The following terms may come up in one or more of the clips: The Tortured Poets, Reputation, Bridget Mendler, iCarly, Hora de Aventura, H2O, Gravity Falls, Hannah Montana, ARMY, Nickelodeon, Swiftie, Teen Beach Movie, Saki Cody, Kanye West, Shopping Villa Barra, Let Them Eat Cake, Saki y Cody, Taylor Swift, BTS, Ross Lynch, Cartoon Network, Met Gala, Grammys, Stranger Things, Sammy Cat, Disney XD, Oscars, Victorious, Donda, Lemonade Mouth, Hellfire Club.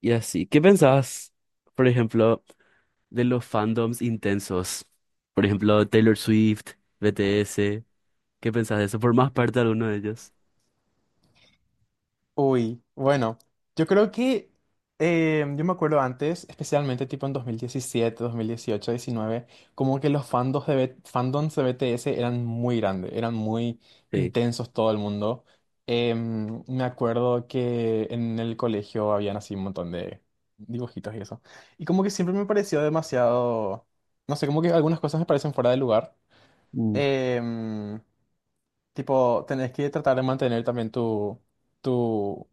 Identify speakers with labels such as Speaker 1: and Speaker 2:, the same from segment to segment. Speaker 1: Y así, ¿qué pensás, por ejemplo, de los fandoms intensos? Por ejemplo, Taylor Swift, BTS, ¿qué pensás de eso? ¿Formás parte de alguno de ellos?
Speaker 2: Uy, bueno, yo creo que yo me acuerdo antes, especialmente tipo en 2017, 2018, 19, como que los fandoms de BTS eran muy grandes, eran muy
Speaker 1: Sí.
Speaker 2: intensos todo el mundo. Me acuerdo que en el colegio habían así un montón de dibujitos y eso. Y como que siempre me pareció demasiado, no sé, como que algunas cosas me parecen fuera de lugar.
Speaker 1: Mm,
Speaker 2: Em, Tipo, tenés que tratar de mantener también tu,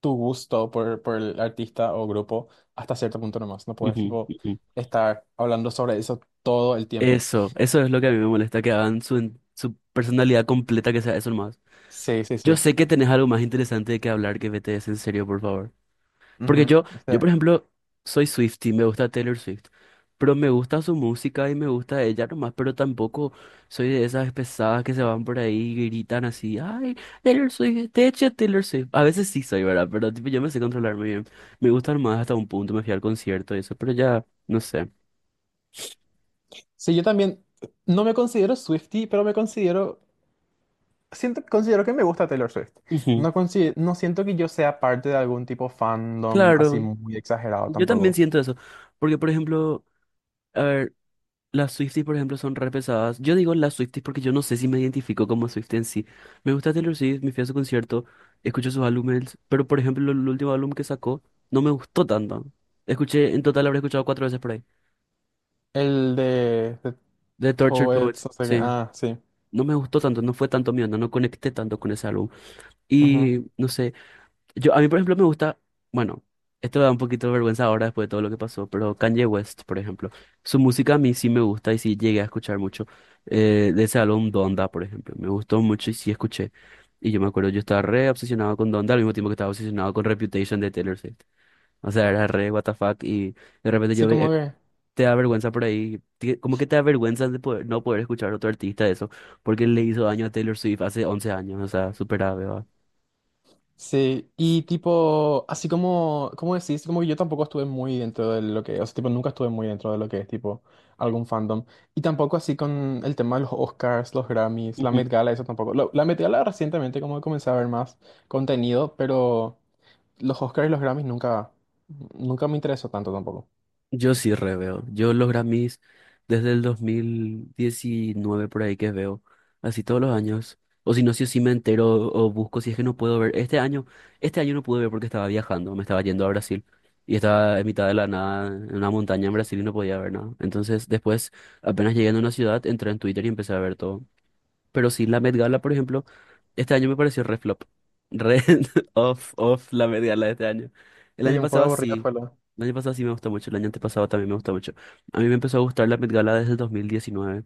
Speaker 2: tu gusto por el artista o grupo hasta cierto punto nomás. No puedes,
Speaker 1: ujú,
Speaker 2: tipo,
Speaker 1: ujú.
Speaker 2: estar hablando sobre eso todo el tiempo.
Speaker 1: Eso es lo que a mí me molesta, que hagan su personalidad completa, que sea eso nomás.
Speaker 2: Sí, sí,
Speaker 1: Yo
Speaker 2: sí.
Speaker 1: sé que tenés algo más interesante de que hablar que BTS, en serio, por favor. Porque
Speaker 2: Ujú.
Speaker 1: yo
Speaker 2: Este,
Speaker 1: por ejemplo, soy Swiftie, me gusta Taylor Swift, pero me gusta su música y me gusta ella nomás, pero tampoco soy de esas pesadas que se van por ahí y gritan así, ay, Taylor Swift, te eché Taylor Swift. A veces sí soy, ¿verdad? Pero tipo, yo me sé controlarme bien. Me gustan más hasta un punto, me fui al concierto y eso, pero ya, no sé.
Speaker 2: sí, yo también no me considero Swiftie, pero me considero, siento, considero que me gusta Taylor Swift.
Speaker 1: Ujú.
Speaker 2: No, no siento que yo sea parte de algún tipo fandom así
Speaker 1: Claro,
Speaker 2: muy exagerado
Speaker 1: yo también
Speaker 2: tampoco.
Speaker 1: siento eso, porque por ejemplo, a ver, las Swifties, por ejemplo, son re pesadas. Yo digo las Swifties porque yo no sé si me identifico como Swiftie en sí. Me gusta Taylor Swift, me fui a su concierto, escucho sus álbumes, pero por ejemplo, el último álbum que sacó no me gustó tanto. Escuché, en total habré escuchado cuatro veces por ahí.
Speaker 2: El de
Speaker 1: The Tortured
Speaker 2: Poets,
Speaker 1: Poets,
Speaker 2: o sea que,
Speaker 1: sí.
Speaker 2: ah, sí.
Speaker 1: No me gustó tanto, no fue tanto mío, no, no conecté tanto con ese álbum.
Speaker 2: Ujú.
Speaker 1: Y no sé. Yo, a mí, por ejemplo, me gusta, bueno, esto da un poquito de vergüenza ahora después de todo lo que pasó, pero Kanye West, por ejemplo, su música a mí sí me gusta y sí llegué a escuchar mucho. De ese álbum Donda, por ejemplo, me gustó mucho y sí escuché. Y yo me acuerdo, yo estaba re obsesionado con Donda al mismo tiempo que estaba obsesionado con Reputation de Taylor Swift. O sea, era re what the fuck y de repente
Speaker 2: Sí, como que...
Speaker 1: te da vergüenza por ahí, como que te da vergüenza de poder, no poder escuchar a otro artista de eso, porque le hizo daño a Taylor Swift hace 11 años, o sea, súper grave, ¿va?
Speaker 2: Sí, y tipo, así como decís, como que yo tampoco estuve muy dentro de lo que, o sea, tipo, nunca estuve muy dentro de lo que es, tipo, algún fandom. Y tampoco así con el tema de los Oscars, los Grammys, la Met Gala, eso tampoco. La Met Gala recientemente como comencé a ver más contenido, pero los Oscars y los Grammys nunca, nunca me interesó tanto tampoco.
Speaker 1: Yo sí reveo. Yo los Grammys desde el 2019 por ahí que veo, así todos los años. O si no, si sí me entero o busco, si es que no puedo ver. Este año no pude ver porque estaba viajando, me estaba yendo a Brasil y estaba en mitad de la nada, en una montaña en Brasil y no podía ver nada. Entonces, después, apenas llegué a una ciudad, entré en Twitter y empecé a ver todo. Pero sí, la Met Gala, por ejemplo, este año me pareció re flop. Re off, off la Met Gala de este año. El
Speaker 2: Sí,
Speaker 1: año
Speaker 2: un poco
Speaker 1: pasado
Speaker 2: aburrido
Speaker 1: sí.
Speaker 2: fue lo.
Speaker 1: El año pasado sí me gustó mucho. El año antepasado también me gustó mucho. A mí me empezó a gustar la Met Gala desde el 2019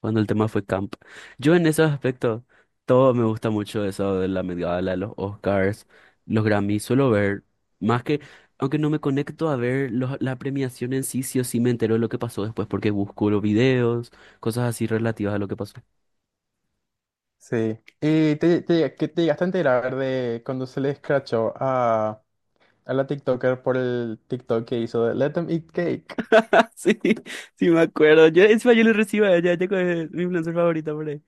Speaker 1: cuando el tema fue camp. Yo en esos aspectos, todo me gusta mucho eso de la Met Gala, los Oscars, los Grammys. Suelo ver, más que, aunque no me conecto a ver la premiación en sí, sí o sí me entero de lo que pasó después porque busco los videos, cosas así relativas a lo que pasó.
Speaker 2: Sí. ¿Y te que te llegaste a enterar de cuando se le escrachó a la TikToker por el TikTok que hizo de Let Them Eat Cake?
Speaker 1: Sí, sí me acuerdo. Yo, encima yo lo recibo a ella, ella es mi influencer favorita por ahí.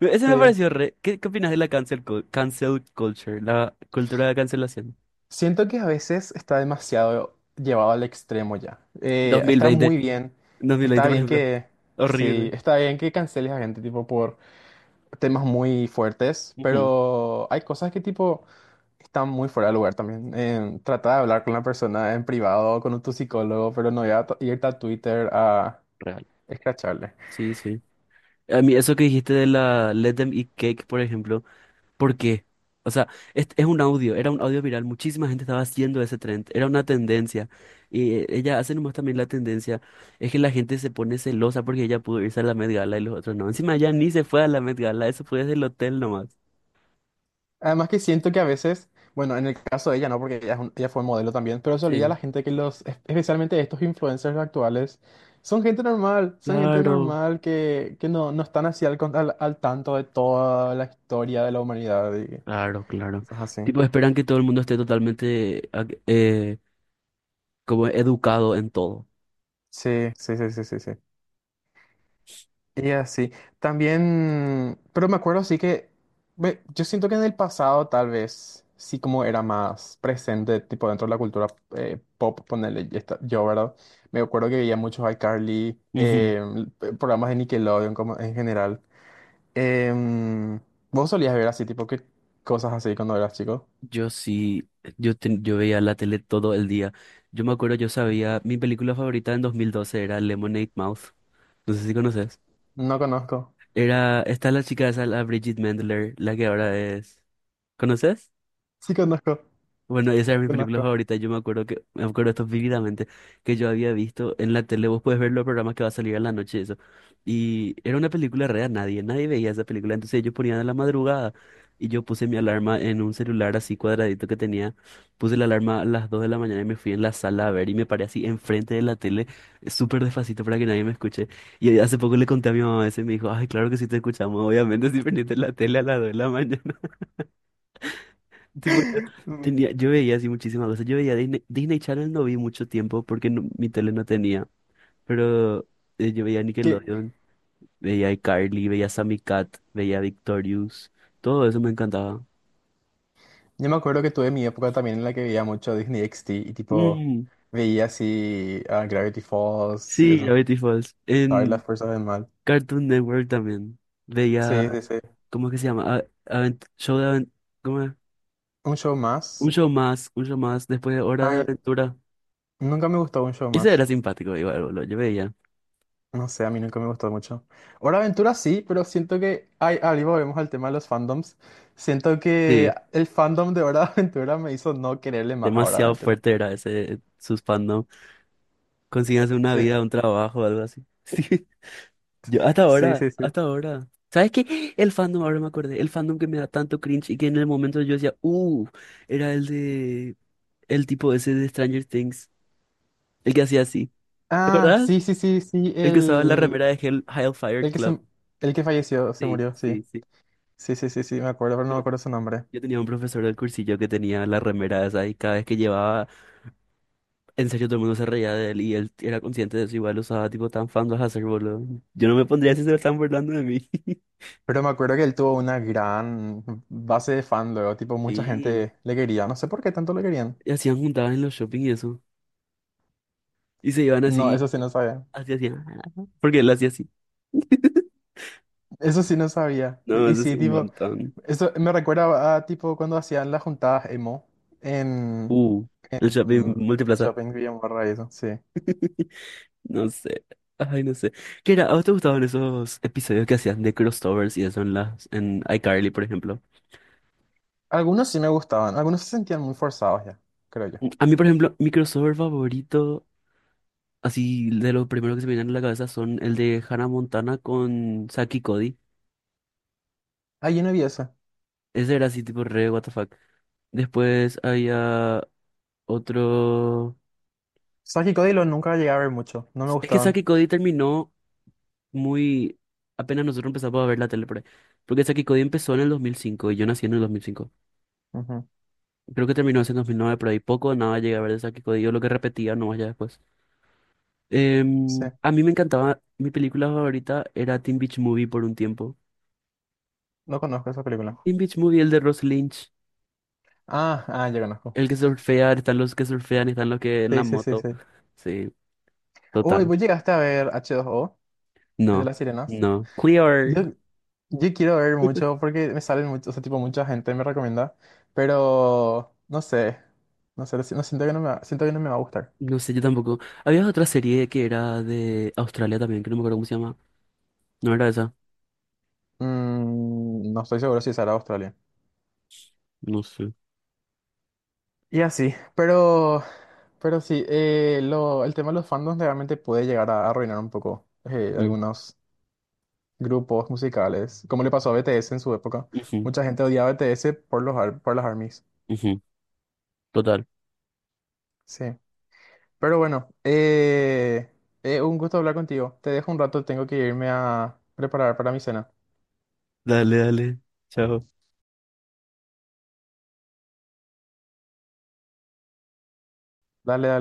Speaker 1: Ese me
Speaker 2: Sí,
Speaker 1: pareció re. ¿Qué, qué opinas de la cancel culture? La cultura de cancelación.
Speaker 2: siento que a veces está demasiado llevado al extremo ya. Está muy
Speaker 1: 2020,
Speaker 2: bien, está
Speaker 1: 2020, por
Speaker 2: bien
Speaker 1: ejemplo.
Speaker 2: que, sí,
Speaker 1: Horrible.
Speaker 2: está bien que canceles a gente tipo por temas muy fuertes,
Speaker 1: Ujú.
Speaker 2: pero hay cosas que tipo están muy fuera de lugar también. Trata de hablar con la persona en privado, con tu psicólogo, pero no irte a Twitter a
Speaker 1: Real.
Speaker 2: escracharle.
Speaker 1: Sí, sí. A mí eso que dijiste de la Let Them Eat Cake, por ejemplo, ¿por qué? O sea, es un audio, era un audio viral, muchísima gente estaba haciendo ese trend, era una tendencia. Y ella hace nomás también la tendencia, es que la gente se pone celosa porque ella pudo irse a la Met Gala y los otros no. Encima ella ni se fue a la Met Gala, eso fue desde el hotel nomás.
Speaker 2: Además que siento que a veces, bueno, en el caso de ella no, porque ella fue modelo también, pero se olvida la
Speaker 1: Sí,
Speaker 2: gente que especialmente estos influencers actuales, son gente
Speaker 1: claro,
Speaker 2: normal que no están así al tanto de toda la historia de la humanidad y
Speaker 1: claro, claro.
Speaker 2: cosas así.
Speaker 1: Tipo, esperan que todo el mundo esté totalmente como educado en todo.
Speaker 2: Sí, sí, sí, sí, sí, sí. Y así, también, pero me acuerdo sí que, ve, yo siento que en el pasado tal vez sí como era más presente, tipo dentro de la cultura pop, ponerle yo, ¿verdad? Me acuerdo que veía muchos iCarly,
Speaker 1: Ujú.
Speaker 2: programas de Nickelodeon como en general. Em, ¿Vos solías ver así, tipo, qué cosas así cuando eras chico?
Speaker 1: Yo sí, yo veía la tele todo el día. Yo me acuerdo, yo sabía, mi película favorita en 2012 era Lemonade Mouth. No sé si conoces.
Speaker 2: No conozco.
Speaker 1: Era, está la chica esa, la Bridget Mendler, la que ahora es. ¿Conoces?
Speaker 2: Sí conozco,
Speaker 1: Bueno, esa es mi película
Speaker 2: conozco.
Speaker 1: favorita. Yo me acuerdo que, me acuerdo esto vívidamente, que yo había visto en la tele, vos puedes ver los programas que va a salir a la noche, eso. Y era una película real, nadie, nadie veía esa película. Entonces yo ponía de la madrugada y yo puse mi alarma en un celular así cuadradito que tenía. Puse la alarma a las 2 de la mañana y me fui en la sala a ver y me paré así enfrente de la tele, súper despacito para que nadie me escuche. Y hace poco le conté a mi mamá eso y me dijo, ay, claro que sí te escuchamos, obviamente si prendiste la tele a las 2 de la mañana.
Speaker 2: Mm.
Speaker 1: Tenía, yo veía así muchísimas cosas. Yo veía Disney, Disney Channel no vi mucho tiempo porque mi tele no tenía. Pero yo veía
Speaker 2: ¿Qué-
Speaker 1: Nickelodeon, veía iCarly, veía Sammy Cat, veía Victorious. Todo eso me encantaba.
Speaker 2: Yo me acuerdo que tuve mi época también en la que veía mucho Disney XD y tipo
Speaker 1: Mm,
Speaker 2: veía así a Gravity Falls y
Speaker 1: sí,
Speaker 2: eso.
Speaker 1: Gravity Falls.
Speaker 2: Ay, las
Speaker 1: En
Speaker 2: fuerzas del mal.
Speaker 1: Cartoon Network también.
Speaker 2: Sí,
Speaker 1: Veía,
Speaker 2: sí, sí.
Speaker 1: ¿cómo es que se llama? Show de ¿cómo es?
Speaker 2: Un show más.
Speaker 1: Un show más después de Hora de
Speaker 2: Ay,
Speaker 1: Aventura.
Speaker 2: nunca me gustó un show
Speaker 1: Ese
Speaker 2: más.
Speaker 1: era simpático, igual, boludo. Yo veía.
Speaker 2: No sé, a mí nunca me gustó mucho. Hora de Aventura sí, pero siento que... Ay, ahí volvemos al tema de los fandoms. Siento que
Speaker 1: Sí,
Speaker 2: el fandom de Hora de Aventura me hizo no quererle más a Hora de
Speaker 1: demasiado
Speaker 2: Aventura.
Speaker 1: fuerte era ese, sus fandom. Consíganse una
Speaker 2: Sí,
Speaker 1: vida, un trabajo, algo así. Sí, yo hasta
Speaker 2: sí,
Speaker 1: ahora,
Speaker 2: sí, sí.
Speaker 1: hasta ahora. ¿Sabes qué? El fandom, ahora me acordé, el fandom que me da tanto cringe y que en el momento yo decía, era el de, el tipo ese de Stranger Things, el que hacía así. ¿Te
Speaker 2: Ah, sí,
Speaker 1: acordás?
Speaker 2: sí, sí, sí,
Speaker 1: El que usaba la remera de Hellfire
Speaker 2: el que
Speaker 1: Club.
Speaker 2: se, el que falleció, se
Speaker 1: Sí,
Speaker 2: murió, sí.
Speaker 1: sí, sí.
Speaker 2: Sí, sí, sí, sí, me acuerdo, pero no
Speaker 1: Yo,
Speaker 2: me acuerdo su nombre.
Speaker 1: yo tenía un profesor del cursillo que tenía la remera esa y cada vez que llevaba, en serio todo el mundo se reía de él y él era consciente de eso, igual usaba tipo tan fandom a hacer, boludo. Yo no me pondría si se lo están burlando de mí.
Speaker 2: Pero me acuerdo que él tuvo una gran base de fan luego, tipo, mucha
Speaker 1: Sí.
Speaker 2: gente le quería, no sé por qué tanto le querían.
Speaker 1: Y hacían juntadas en los shopping y eso. Y se iban
Speaker 2: No,
Speaker 1: así,
Speaker 2: eso sí no sabía.
Speaker 1: así así. Porque él hacía así.
Speaker 2: Eso sí no sabía.
Speaker 1: No,
Speaker 2: Y
Speaker 1: eso sí,
Speaker 2: sí,
Speaker 1: un
Speaker 2: tipo,
Speaker 1: montón.
Speaker 2: eso me recuerda a, tipo, cuando hacían las juntadas emo en,
Speaker 1: Uh, el shopping
Speaker 2: en
Speaker 1: multiplaza.
Speaker 2: Shopping Villa Barra y eso, sí.
Speaker 1: No sé. Ay, no sé. ¿Qué era? ¿A vos te gustaban esos episodios que hacían de crossovers y eso en las, en iCarly, por ejemplo?
Speaker 2: Algunos sí me gustaban, algunos se sentían muy forzados ya, creo yo.
Speaker 1: A mí, por ejemplo, mi crossover favorito, así de los primeros que se me vienen a la cabeza, son el de Hannah Montana con Saki y Cody.
Speaker 2: Ah, yo no vi eso.
Speaker 1: Ese era así, tipo re, what the fuck. Después había otro.
Speaker 2: Saki y Cody lo nunca llegué a ver mucho, no me
Speaker 1: Es que
Speaker 2: gustaban.
Speaker 1: Saki Cody terminó muy... Apenas nosotros empezamos a ver la tele por ahí. Porque Saki Cody empezó en el 2005 y yo nací en el 2005.
Speaker 2: Ujú.
Speaker 1: Creo que terminó en 2009, pero ahí poco o nada llegué a ver de Saki Cody. Yo lo que repetía nomás ya después.
Speaker 2: Sí,
Speaker 1: A mí me encantaba... Mi película favorita era Teen Beach Movie por un tiempo.
Speaker 2: no conozco esa película.
Speaker 1: Teen Beach Movie, el de Ross Lynch.
Speaker 2: Ah, ah, ya conozco.
Speaker 1: El que surfea, están los que surfean, están los que en la
Speaker 2: Sí, sí, sí,
Speaker 1: moto.
Speaker 2: sí.
Speaker 1: Sí,
Speaker 2: Uy,
Speaker 1: total.
Speaker 2: vos llegaste a ver H2O, el de
Speaker 1: No,
Speaker 2: las sirenas.
Speaker 1: no. Clear.
Speaker 2: Yo, yo quiero ver mucho porque me salen mucho, o sea, tipo, mucha gente me recomienda, pero no sé, no sé, no siento que no me va, siento que no me va a gustar.
Speaker 1: No sé, yo tampoco. Había otra serie que era de Australia también, que no me acuerdo cómo se llama. No era esa.
Speaker 2: No estoy seguro si será Australia.
Speaker 1: No sé.
Speaker 2: Y así, pero, sí, el tema de los fandoms realmente puede llegar a arruinar un poco
Speaker 1: Mm,
Speaker 2: algunos grupos musicales, como le pasó a BTS en su época.
Speaker 1: ujú,
Speaker 2: Mucha gente odiaba a BTS por las ARMYs.
Speaker 1: ujú. Total.
Speaker 2: Sí. Pero bueno, un gusto hablar contigo. Te dejo un rato, tengo que irme a preparar para mi cena.
Speaker 1: Dale, dale. Chao.
Speaker 2: Dale, dale.